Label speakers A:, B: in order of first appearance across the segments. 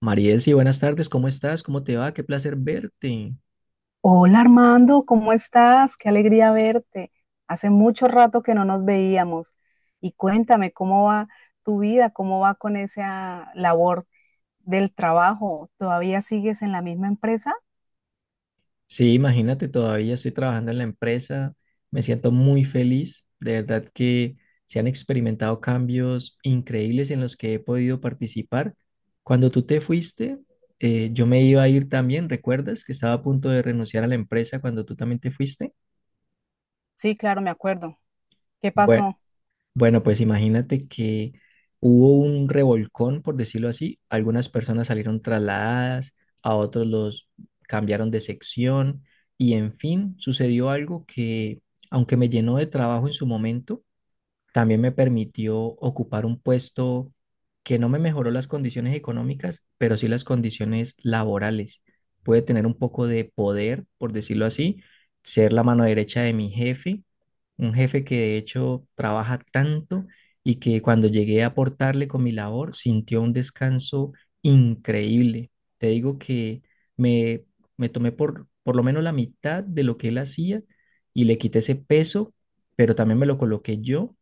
A: Mariesi, buenas tardes, ¿cómo estás? ¿Cómo te va? Qué placer verte.
B: Hola Armando, ¿cómo estás? Qué alegría verte. Hace mucho rato que no nos veíamos. Y cuéntame, ¿cómo va tu vida? ¿Cómo va con esa labor del trabajo? ¿Todavía sigues en la misma empresa?
A: Sí, imagínate, todavía estoy trabajando en la empresa, me siento muy feliz, de verdad que se han experimentado cambios increíbles en los que he podido participar. Cuando tú te fuiste, yo me iba a ir también. ¿Recuerdas que estaba a punto de renunciar a la empresa cuando tú también te fuiste?
B: Sí, claro, me acuerdo. ¿Qué
A: Bue-
B: pasó?
A: Bueno, pues imagínate que hubo un revolcón, por decirlo así. Algunas personas salieron trasladadas, a otros los cambiaron de sección y en fin, sucedió algo que, aunque me llenó de trabajo en su momento, también me permitió ocupar un puesto que no me mejoró las condiciones económicas, pero sí las condiciones laborales. Pude tener un poco de poder, por decirlo así, ser la mano derecha de mi jefe, un jefe que de hecho trabaja tanto y que cuando llegué a aportarle con mi labor sintió un descanso increíble. Te digo que me, me tomé por lo menos la mitad de lo que él hacía y le quité ese peso, pero también me lo coloqué yo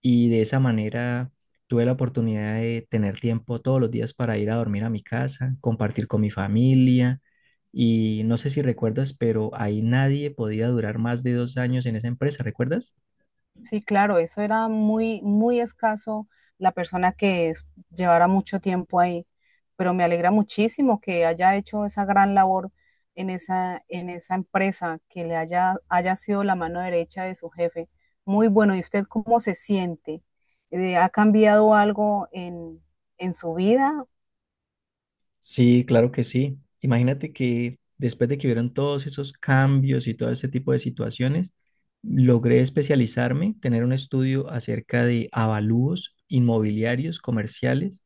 A: y de esa manera tuve la oportunidad de tener tiempo todos los días para ir a dormir a mi casa, compartir con mi familia. Y no sé si recuerdas, pero ahí nadie podía durar más de 2 años en esa empresa, ¿recuerdas?
B: Sí, claro, eso era muy, muy escaso la persona que llevara mucho tiempo ahí, pero me alegra muchísimo que haya hecho esa gran labor en esa empresa, que le haya sido la mano derecha de su jefe. Muy bueno, ¿y usted cómo se siente? ¿Ha cambiado algo en su vida?
A: Sí, claro que sí. Imagínate que después de que vieron todos esos cambios y todo ese tipo de situaciones, logré especializarme, tener un estudio acerca de avalúos inmobiliarios, comerciales,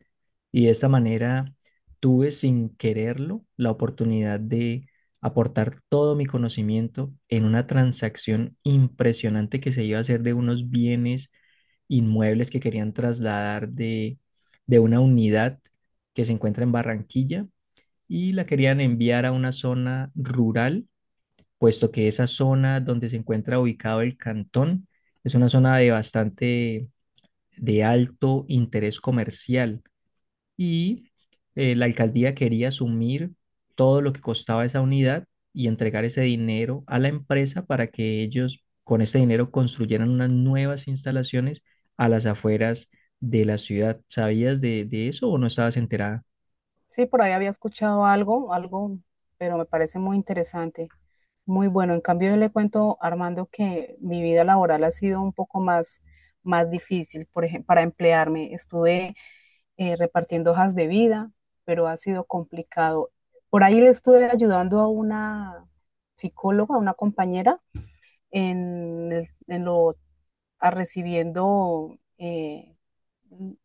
A: y de esta manera tuve sin quererlo la oportunidad de aportar todo mi conocimiento en una transacción impresionante que se iba a hacer de unos bienes inmuebles que querían trasladar de una unidad que se encuentra en Barranquilla y la querían enviar a una zona rural, puesto que esa zona donde se encuentra ubicado el cantón es una zona de bastante de alto interés comercial y la alcaldía quería asumir todo lo que costaba esa unidad y entregar ese dinero a la empresa para que ellos con ese dinero construyeran unas nuevas instalaciones a las afueras de la ciudad. ¿Sabías de eso o no estabas enterada?
B: Sí, por ahí había escuchado algo, pero me parece muy interesante, muy bueno. En cambio, yo le cuento, Armando, que mi vida laboral ha sido un poco más difícil. Por ejemplo, para emplearme estuve repartiendo hojas de vida, pero ha sido complicado. Por ahí le estuve ayudando a una psicóloga, a una compañera, en, el- en lo, a recibiendo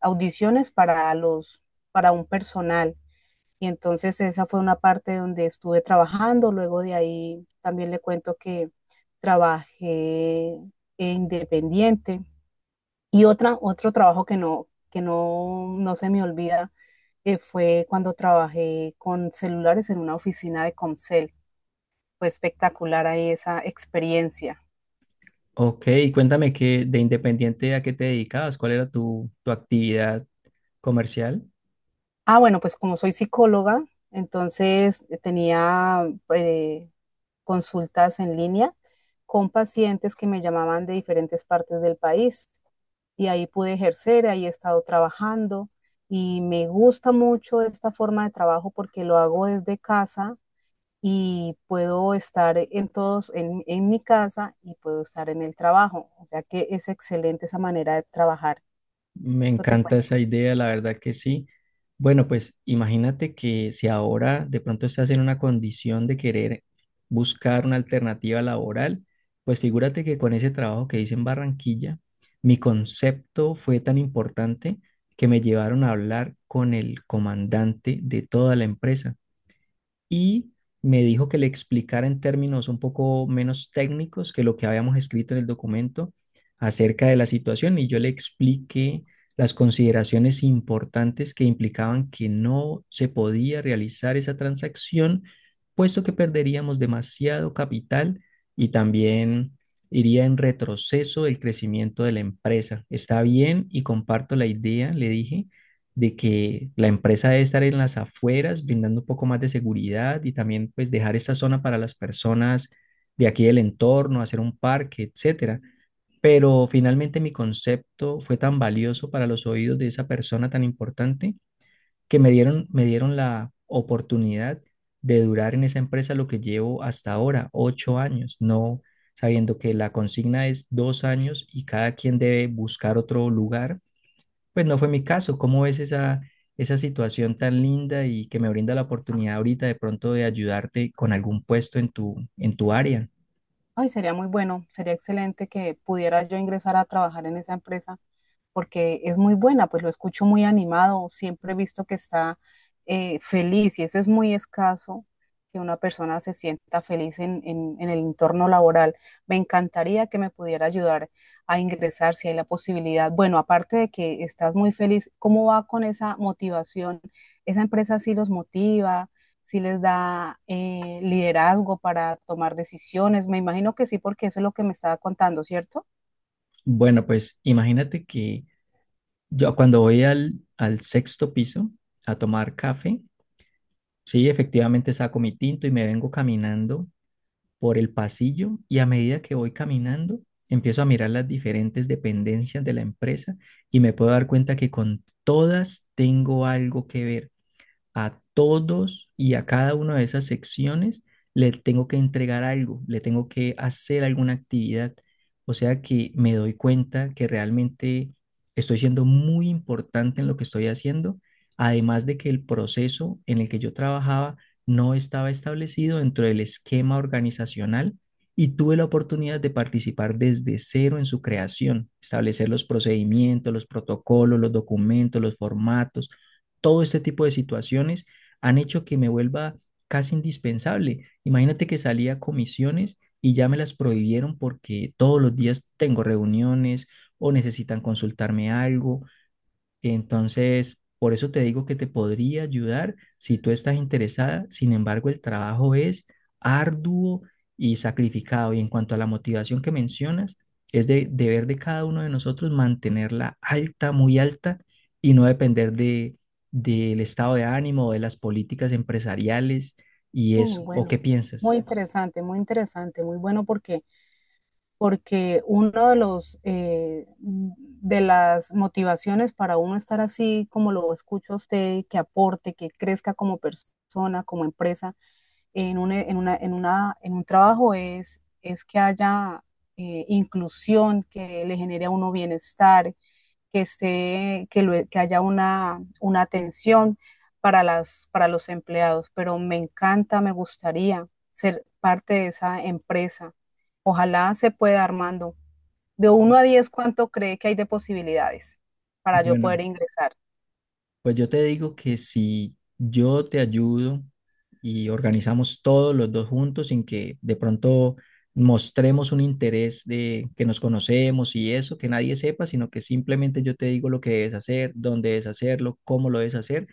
B: audiciones para un personal y entonces esa fue una parte donde estuve trabajando. Luego de ahí también le cuento que trabajé independiente. Y otro trabajo que no, no se me olvida fue cuando trabajé con celulares en una oficina de Comcel. Fue espectacular ahí esa experiencia.
A: Ok, cuéntame que de independiente a qué te dedicabas, cuál era tu actividad comercial.
B: Ah, bueno, pues como soy psicóloga, entonces tenía eh, consultas en línea con pacientes que me llamaban de diferentes partes del país y ahí pude ejercer, ahí he estado trabajando y me gusta mucho esta forma de trabajo porque lo hago desde casa y puedo estar en mi casa y puedo estar en el trabajo. O sea que es excelente esa manera de trabajar.
A: Me
B: Eso te
A: encanta
B: cuento.
A: esa idea, la verdad que sí. Bueno, pues imagínate que si ahora de pronto estás en una condición de querer buscar una alternativa laboral, pues figúrate que con ese trabajo que hice en Barranquilla, mi concepto fue tan importante que me llevaron a hablar con el comandante de toda la empresa, y me dijo que le explicara en términos un poco menos técnicos que lo que habíamos escrito en el documento acerca de la situación y yo le expliqué las consideraciones importantes que implicaban que no se podía realizar esa transacción, puesto que perderíamos demasiado capital y también iría en retroceso del crecimiento de la empresa. Está bien y comparto la idea, le dije, de que la empresa debe estar en las afueras, brindando un poco más de seguridad y también pues dejar esta zona para las personas de aquí del entorno, hacer un parque, etcétera. Pero finalmente mi concepto fue tan valioso para los oídos de esa persona tan importante que me dieron la oportunidad de durar en esa empresa lo que llevo hasta ahora, 8 años, no sabiendo que la consigna es 2 años y cada quien debe buscar otro lugar, pues no fue mi caso. ¿Cómo ves esa situación tan linda y que me brinda la oportunidad ahorita de pronto de ayudarte con algún puesto en en tu área?
B: Ay, sería muy bueno, sería excelente que pudiera yo ingresar a trabajar en esa empresa porque es muy buena, pues lo escucho muy animado, siempre he visto que está feliz y eso es muy escaso, que una persona se sienta feliz en el entorno laboral. Me encantaría que me pudiera ayudar a ingresar si hay la posibilidad. Bueno, aparte de que estás muy feliz, ¿cómo va con esa motivación? ¿Esa empresa sí los motiva? Sí, les da liderazgo para tomar decisiones, me imagino que sí, porque eso es lo que me estaba contando, ¿cierto?
A: Bueno, pues imagínate que yo cuando voy al 6.º piso a tomar café, sí, efectivamente saco mi tinto y me vengo caminando por el pasillo y a medida que voy caminando, empiezo a mirar las diferentes dependencias de la empresa y me puedo dar cuenta que con todas tengo algo que ver, a todos y a cada una de esas secciones le tengo que entregar algo, le tengo que hacer alguna actividad. O sea que me doy cuenta que realmente estoy siendo muy importante en lo que estoy haciendo, además de que el proceso en el que yo trabajaba no estaba establecido dentro del esquema organizacional y tuve la oportunidad de participar desde cero en su creación, establecer los procedimientos, los protocolos, los documentos, los formatos. Todo este tipo de situaciones han hecho que me vuelva casi indispensable. Imagínate que salía a comisiones y ya me las prohibieron porque todos los días tengo reuniones o necesitan consultarme algo, entonces, por eso te digo que te podría ayudar si tú estás interesada. Sin embargo, el trabajo es arduo y sacrificado. Y en cuanto a la motivación que mencionas, es de deber de cada uno de nosotros mantenerla alta, muy alta, y no depender del estado de ánimo o de las políticas empresariales y eso. ¿O
B: Bueno,
A: qué
B: muy
A: piensas?
B: interesante, muy interesante, muy bueno porque uno de los de las motivaciones para uno estar así como lo escucho a usted, que aporte, que crezca como persona, como empresa, en un, en una, en una, en un trabajo es que haya inclusión, que le genere a uno bienestar, que, esté, que, lo- que haya una atención para los empleados, pero me encanta, me gustaría ser parte de esa empresa. Ojalá se pueda, Armando. De uno a
A: Bu-
B: diez ¿cuánto cree que hay de posibilidades para yo
A: Bueno,
B: poder ingresar?
A: pues yo te digo que si yo te ayudo y organizamos todos los dos juntos sin que de pronto mostremos un interés de que nos conocemos y eso, que nadie sepa, sino que simplemente yo te digo lo que debes hacer, dónde debes hacerlo, cómo lo debes hacer,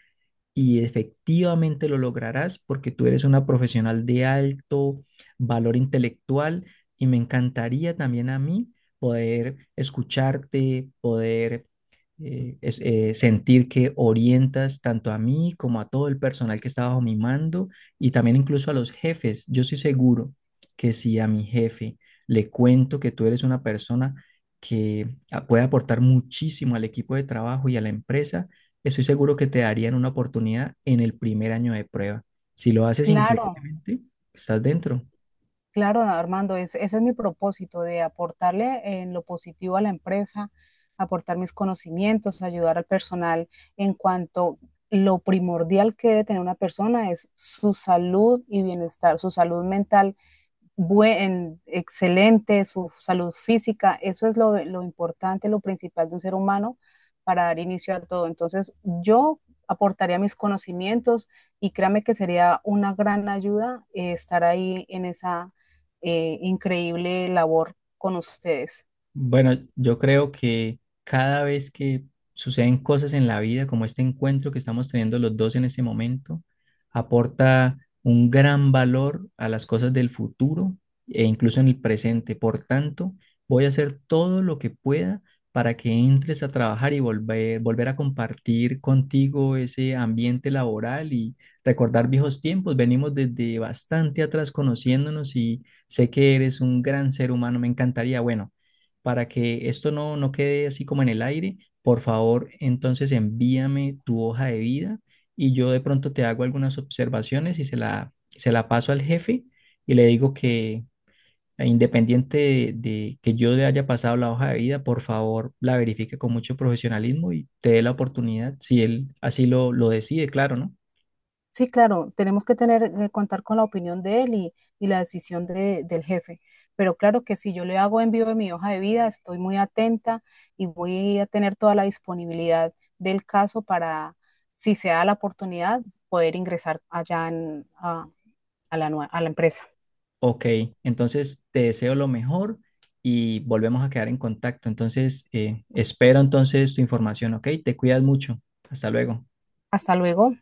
A: y efectivamente lo lograrás porque tú eres una profesional de alto valor intelectual y me encantaría también a mí poder escucharte, poder sentir que orientas tanto a mí como a todo el personal que está bajo mi mando y también incluso a los jefes. Yo estoy seguro que si a mi jefe le cuento que tú eres una persona que puede aportar muchísimo al equipo de trabajo y a la empresa, estoy seguro que te darían una oportunidad en el primer año de prueba. Si lo haces
B: Claro,
A: increíblemente, estás dentro.
B: claro, Armando, ese es mi propósito, de aportarle en lo positivo a la empresa, aportar mis conocimientos, ayudar al personal en cuanto lo primordial que debe tener una persona es su salud y bienestar, su salud mental excelente, su salud física, eso es lo importante, lo principal de un ser humano para dar inicio a todo. Entonces, yo aportaría mis conocimientos y créame que sería una gran ayuda estar ahí en esa increíble labor con ustedes.
A: Bueno, yo creo que cada vez que suceden cosas en la vida, como este encuentro que estamos teniendo los dos en este momento, aporta un gran valor a las cosas del futuro e incluso en el presente. Por tanto, voy a hacer todo lo que pueda para que entres a trabajar y volver a compartir contigo ese ambiente laboral y recordar viejos tiempos. Venimos desde bastante atrás conociéndonos y sé que eres un gran ser humano. Me encantaría, bueno, para que esto no quede así como en el aire, por favor, entonces envíame tu hoja de vida y yo de pronto te hago algunas observaciones y se la paso al jefe y le digo que independiente de que yo le haya pasado la hoja de vida, por favor, la verifique con mucho profesionalismo y te dé la oportunidad, si él así lo decide, claro, ¿no?
B: Sí, claro, tenemos que contar con la opinión de él y la decisión del jefe. Pero claro que si yo le hago envío de mi hoja de vida, estoy muy atenta y voy a tener toda la disponibilidad del caso para, si se da la oportunidad, poder ingresar allá en- a la, nue- a la empresa.
A: Ok, entonces te deseo lo mejor y volvemos a quedar en contacto. Entonces, espero entonces tu información, ¿ok? Te cuidas mucho. Hasta luego.
B: Hasta luego.